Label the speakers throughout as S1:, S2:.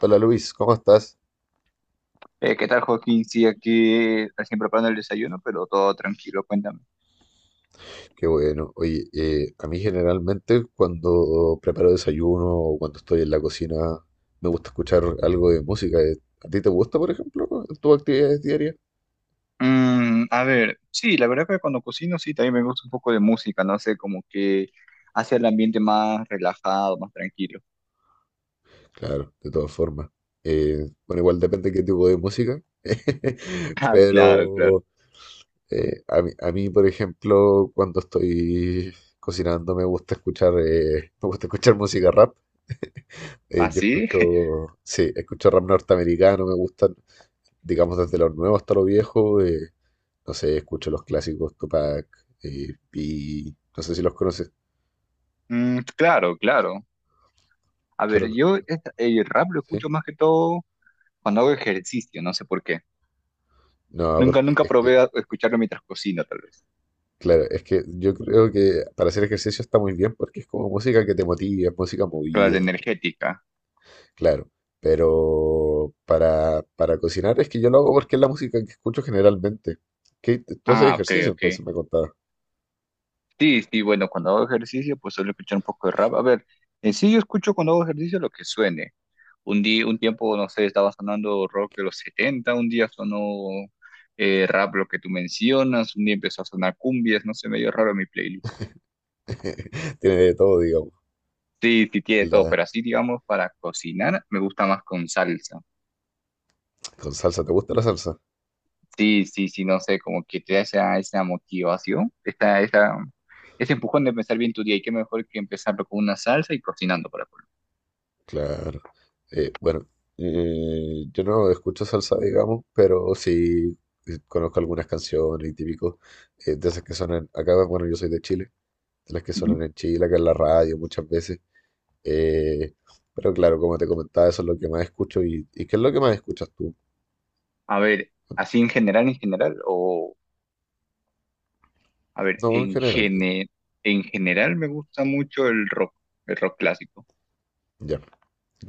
S1: Hola Luis, ¿cómo estás?
S2: ¿Qué tal, Joaquín? Sí, aquí recién preparando el desayuno, pero todo tranquilo, cuéntame.
S1: Qué bueno. Oye, a mí generalmente cuando preparo desayuno o cuando estoy en la cocina me gusta escuchar algo de música. ¿A ti te gusta, por ejemplo, en tus actividades diarias?
S2: Mm, a ver, sí, la verdad que cuando cocino, sí, también me gusta un poco de música, no sé, como que hace el ambiente más relajado, más tranquilo.
S1: Claro, de todas formas. Bueno, igual depende qué tipo de música,
S2: Ah, claro, claro.
S1: pero a mí, por ejemplo, cuando estoy cocinando me gusta escuchar, me gusta escuchar música rap. Yo
S2: ¿Así?
S1: escucho, sí, escucho rap norteamericano, me gusta, digamos, desde lo nuevo hasta lo viejo. No sé, escucho los clásicos Tupac, y no sé si los conoces,
S2: Mm, claro, claro. A ver,
S1: pero
S2: yo el rap lo escucho
S1: sí.
S2: más que todo cuando hago ejercicio, no sé por qué.
S1: No,
S2: Nunca,
S1: porque
S2: nunca
S1: es que,
S2: probé a escucharlo mientras cocino, tal vez.
S1: claro, es que yo creo que para hacer ejercicio está muy bien porque es como música que te motiva, es música movida,
S2: Claro, energética.
S1: claro. Pero para cocinar es que yo lo hago porque es la música que escucho generalmente. ¿Qué, tú haces
S2: Ah, ok,
S1: ejercicio?
S2: ok.
S1: Entonces me contabas.
S2: Sí, sí, bueno, cuando hago ejercicio, pues suelo escuchar un poco de rap. A ver, en sí yo escucho cuando hago ejercicio lo que suene. Un día, un tiempo, no sé, estaba sonando rock de los 70, un día sonó rap lo que tú mencionas, un día empezó a sonar cumbias, no sé, medio raro mi playlist.
S1: Tiene de todo, digamos.
S2: Sí, sí, tiene todo,
S1: La,
S2: pero así, digamos, para cocinar me gusta más con salsa.
S1: con salsa, ¿te gusta la salsa?
S2: Sí, sí, sí, no sé, como que te da esa, esa motivación, esta, esa, ese empujón de empezar bien tu día y qué mejor que empezarlo con una salsa y cocinando para colmo.
S1: Claro. Bueno, yo no escucho salsa, digamos, pero sí, conozco algunas canciones y típicos, de esas que suenan acá. Bueno, yo soy de Chile, de las que suenan en Chile, acá en la radio muchas veces. Eh, pero claro, como te comentaba, eso es lo que más escucho y, ¿y qué es lo que más escuchas tú?
S2: A ver, así en general, o a ver,
S1: No, en general, digo.
S2: en general me gusta mucho el rock clásico.
S1: Ya,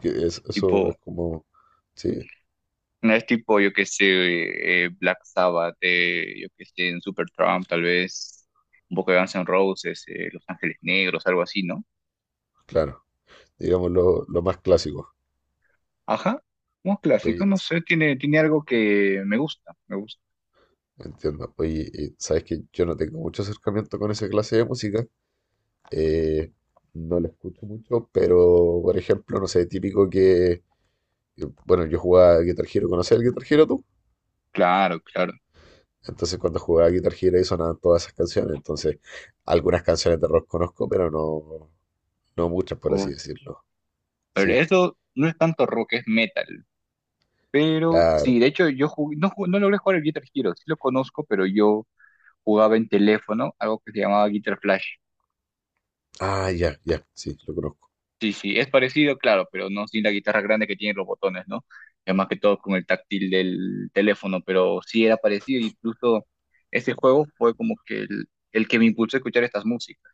S1: eso es
S2: Tipo,
S1: como, sí,
S2: no es tipo, yo qué sé, Black Sabbath, yo qué sé, en Supertramp, tal vez un poco de Guns N' Roses, Los Ángeles Negros, algo así, ¿no?
S1: claro, digamos lo más clásico.
S2: Ajá, un clásico,
S1: Oye,
S2: no sé, tiene, tiene algo que me gusta, me gusta.
S1: entiendo. Oye, y sabes que yo no tengo mucho acercamiento con esa clase de música. Eh, no lo escucho mucho, pero por ejemplo, no sé, típico que, bueno, yo jugaba Guitar Hero, ¿conocías el Guitar Hero tú?
S2: Claro, claro.
S1: Entonces cuando jugaba Guitar Hero ahí sonaban todas esas canciones, entonces algunas canciones de rock conozco, pero no, no muchas, por así
S2: Uf,
S1: decirlo.
S2: pero
S1: Sí,
S2: eso no es tanto rock, es metal. Pero
S1: claro.
S2: sí, de hecho yo no logré jugar el Guitar Hero, sí lo conozco, pero yo jugaba en teléfono, algo que se llamaba Guitar Flash.
S1: Ah, ya, ya, sí, lo conozco.
S2: Sí, sí, es parecido, claro, pero no sin la guitarra grande que tiene los botones, ¿no? Es más que todo con el táctil del teléfono, pero sí era parecido, incluso ese juego fue como que el que me impulsó a escuchar estas músicas.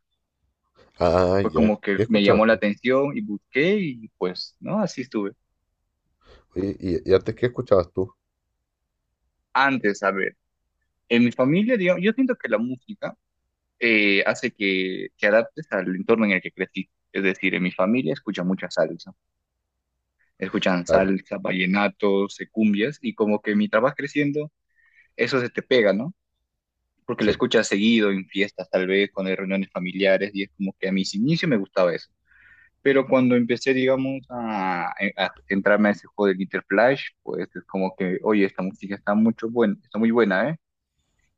S1: Ah,
S2: Fue
S1: ya.
S2: como que
S1: ¿Qué
S2: me
S1: escuchabas
S2: llamó la
S1: tú?
S2: atención y busqué y pues, ¿no? Así estuve.
S1: Oye, y, ¿y antes, qué escuchabas tú?
S2: Antes, a ver, en mi familia, digamos, yo siento que la música hace que te adaptes al entorno en el que creciste. Es decir, en mi familia escuchan mucha salsa, escuchan
S1: Claro.
S2: salsa, vallenatos, cumbias, y como que mientras vas creciendo, eso se te pega, ¿no? Porque lo
S1: Sí.
S2: escuchas seguido en fiestas, tal vez, cuando hay reuniones familiares, y es como que a mis inicios me gustaba eso. Pero cuando empecé, digamos, a entrarme a ese juego del Guitar Flash, pues es como que, oye, esta música está mucho buena, está muy buena, ¿eh?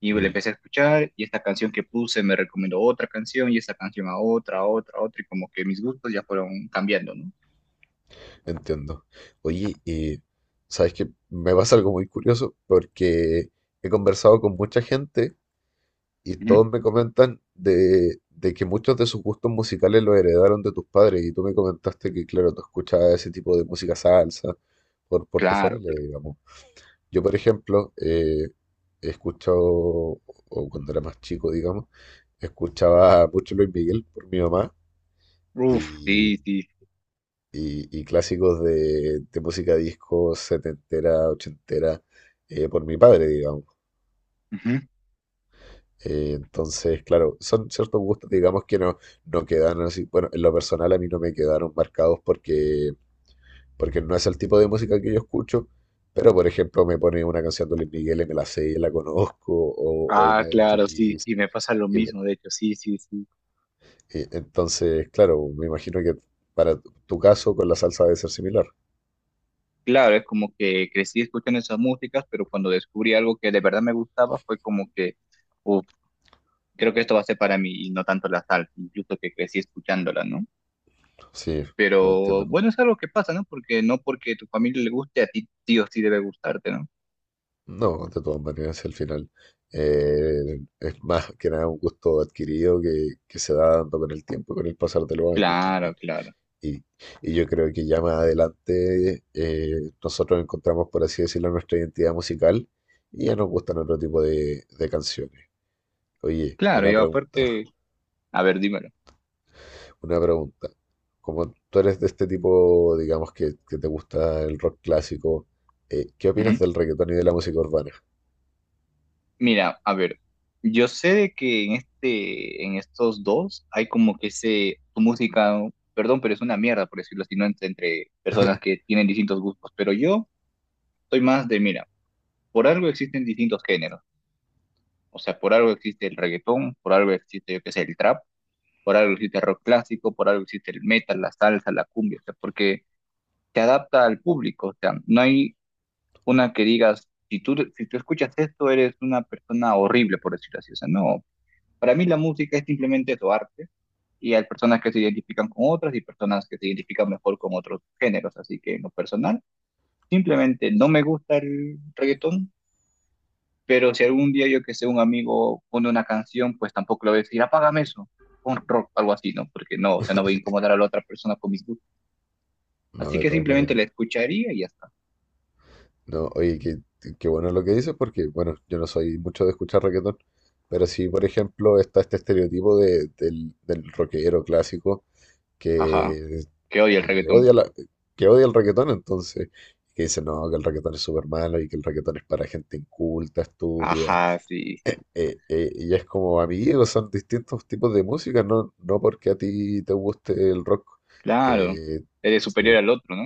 S2: Y le
S1: Mm.
S2: empecé a escuchar y esta canción que puse me recomendó otra canción y esta canción a otra, a otra, a otra y como que mis gustos ya fueron cambiando, ¿no?
S1: Entiendo. Oye, y sabes que me pasa algo muy curioso porque he conversado con mucha gente y
S2: Ujú.
S1: todos me comentan de que muchos de sus gustos musicales los heredaron de tus padres y tú me comentaste que, claro, tú escuchabas ese tipo de música salsa por tu
S2: Claro,
S1: familia,
S2: claro.
S1: digamos. Yo, por ejemplo, he escuchado, o cuando era más chico, digamos, escuchaba mucho Luis Miguel por mi mamá
S2: Uf, sí, sí.
S1: y clásicos de música disco setentera, ochentera, por mi padre, digamos.
S2: Ujú.
S1: Entonces, claro, son ciertos gustos, digamos, que no, no quedan así. Bueno, en lo personal a mí no me quedaron marcados porque, porque no es el tipo de música que yo escucho, pero por ejemplo me pone una canción de Luis Miguel y me la sé y la conozco, o una
S2: Ah,
S1: de los Bee
S2: claro, sí,
S1: Gees,
S2: y me pasa lo
S1: y
S2: mismo, de hecho, sí, sí, sí.
S1: entonces, claro, me imagino que para tu tu caso con la salsa debe ser similar.
S2: Claro, es como que crecí escuchando esas músicas, pero cuando descubrí algo que de verdad me gustaba fue como que, uf, creo que esto va a ser para mí y no tanto la salsa, incluso que crecí escuchándola, ¿no?
S1: Sí, no
S2: Pero
S1: entiendo.
S2: bueno, es algo que pasa, ¿no? Porque no porque tu familia le guste, a ti sí o sí debe gustarte, ¿no?
S1: No, de todas maneras, si al final es más que nada un gusto adquirido que se va dando con el tiempo, con el pasar de los años
S2: Claro,
S1: también.
S2: claro.
S1: Y, y yo creo que ya más adelante nosotros encontramos, por así decirlo, nuestra identidad musical y ya nos gustan otro tipo de canciones. Oye,
S2: Claro, y
S1: una pregunta,
S2: aparte, a ver, dímelo.
S1: una pregunta. Como tú eres de este tipo, digamos, que te gusta el rock clásico, ¿qué opinas
S2: Ujú.
S1: del reggaetón y de la música urbana?
S2: Mira, a ver, yo sé de que en este, en estos dos hay como que ese, tu música, ¿no? Perdón, pero es una mierda, por decirlo así, no entre personas que tienen distintos gustos, pero yo soy más de, mira, por algo existen distintos géneros, o sea, por algo existe el reggaetón, por algo existe, yo qué sé, el trap, por algo existe el rock clásico, por algo existe el metal, la salsa, la cumbia, o sea, porque se adapta al público, o sea, no hay una que digas, si tú escuchas esto, eres una persona horrible, por decirlo así. O sea, no, para mí la música es simplemente eso, arte, y hay personas que se identifican con otras y personas que se identifican mejor con otros géneros. Así que en lo personal, simplemente no me gusta el reggaetón, pero si algún día yo que sé, un amigo pone una canción, pues tampoco lo voy a decir, apágame eso. Un rock, algo así, ¿no? Porque no, o sea, no voy a incomodar a la otra persona con mis gustos.
S1: No,
S2: Así
S1: de
S2: que
S1: todas
S2: simplemente
S1: maneras.
S2: la escucharía y ya está.
S1: No, oye, qué, qué bueno lo que dices, porque, bueno, yo no soy mucho de escuchar reggaetón, pero sí, por ejemplo, está este estereotipo del, del rockero clásico
S2: Ajá,
S1: que,
S2: que odia el
S1: que
S2: reggaetón.
S1: odia la, que odia el reggaetón, entonces, que dice, no, que el reggaetón es súper malo y que el reggaetón es para gente inculta, estúpida.
S2: Ajá, sí, sí.
S1: Y es como, amigos, son distintos tipos de música, no, no porque a ti te guste el rock.
S2: Claro,
S1: eh,
S2: eres
S1: sí.
S2: superior al otro, ¿no?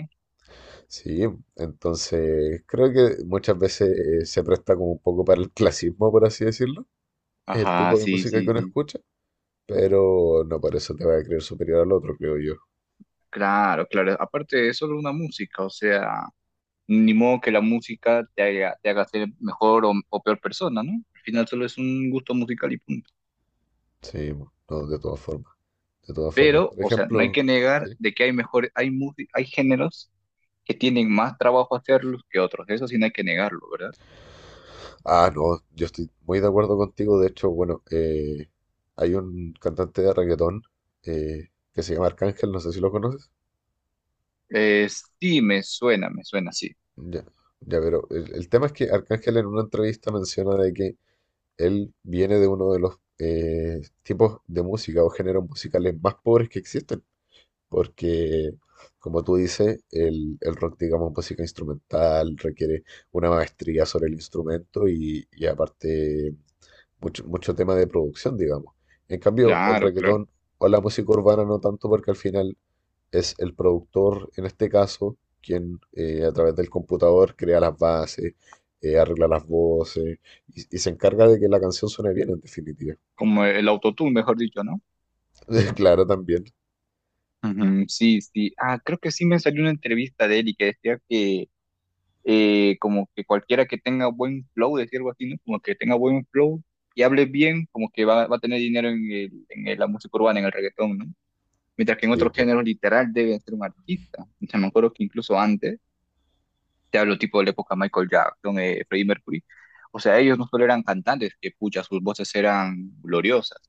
S1: Sí, entonces creo que muchas veces se presta como un poco para el clasismo, por así decirlo, es el
S2: Ajá,
S1: tipo de
S2: sí,
S1: música que
S2: sí,
S1: uno
S2: sí.
S1: escucha, pero no por eso te va a creer superior al otro, creo yo.
S2: Claro, claro. Aparte, es solo una música, o sea, ni modo que la música te haga ser mejor o peor persona, ¿no? Al final solo es un gusto musical y punto.
S1: Sí, no, de todas formas, de todas formas.
S2: Pero,
S1: Por
S2: o sea, no hay
S1: ejemplo,
S2: que negar
S1: sí.
S2: de que hay mejores, hay géneros que tienen más trabajo hacerlos que otros. Eso sí no hay que negarlo, ¿verdad?
S1: Ah, no, yo estoy muy de acuerdo contigo, de hecho, bueno, hay un cantante de reggaetón, que se llama Arcángel, no sé si lo conoces.
S2: Eh, sí, me suena, sí.
S1: Ya, ya, pero el tema es que Arcángel en una entrevista menciona de que él viene de uno de los, tipos de música o géneros musicales más pobres que existen, porque, como tú dices, el rock, digamos, música instrumental requiere una maestría sobre el instrumento y aparte mucho, mucho tema de producción, digamos. En cambio, el
S2: Claro, claro.
S1: reggaetón o la música urbana no tanto porque al final es el productor, en este caso, quien, a través del computador crea las bases, arregla las voces y se encarga de que la canción suene bien, en definitiva.
S2: Como el autotune, mejor dicho, ¿no?
S1: Claro, también.
S2: Ujú, sí, sí. Ah, creo que sí me salió una entrevista de él y que decía que como que cualquiera que tenga buen flow, decir algo así, ¿no? Como que tenga buen flow y hable bien, como que va, va a tener dinero en la música urbana, en el reggaetón, ¿no? Mientras que en
S1: Sí,
S2: otros
S1: pues,
S2: géneros literal debe ser un artista. O sea, me acuerdo que incluso antes, te hablo tipo de la época Michael Jackson, Freddie Mercury, o sea, ellos no solo eran cantantes, que pucha, sus voces eran gloriosas.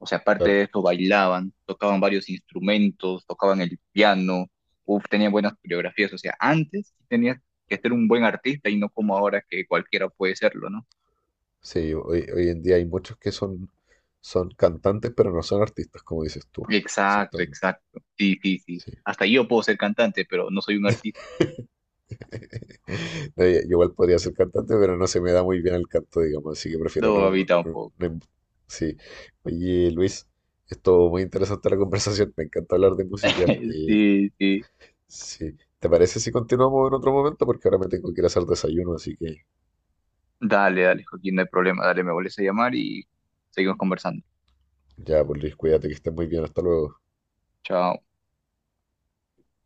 S2: O sea, aparte
S1: claro.
S2: de eso, bailaban, tocaban varios instrumentos, tocaban el piano, uf, tenían buenas coreografías. O sea, antes tenías que ser un buen artista y no como ahora que cualquiera puede serlo, ¿no?
S1: Sí, hoy, hoy en día hay muchos que son, son cantantes, pero no son artistas, como dices tú.
S2: Exacto,
S1: Exactamente.
S2: exacto. Sí, sí, sí.
S1: Sí.
S2: Hasta yo puedo ser cantante, pero no soy un artista.
S1: No, yo igual podría ser cantante, pero no se me da muy bien el canto, digamos, así que prefiero
S2: No, a mí
S1: no,
S2: tampoco.
S1: Sí. Oye, Luis, esto muy interesante la conversación, me encanta hablar de música.
S2: Sí, sí.
S1: Sí. ¿Te parece si continuamos en otro momento? Porque ahora me tengo que ir a hacer desayuno, así que
S2: Dale, dale, Joaquín, no hay problema. Dale, me vuelves a llamar y seguimos conversando.
S1: ya, pues Luis, cuídate, que estés muy bien, hasta luego.
S2: Chao.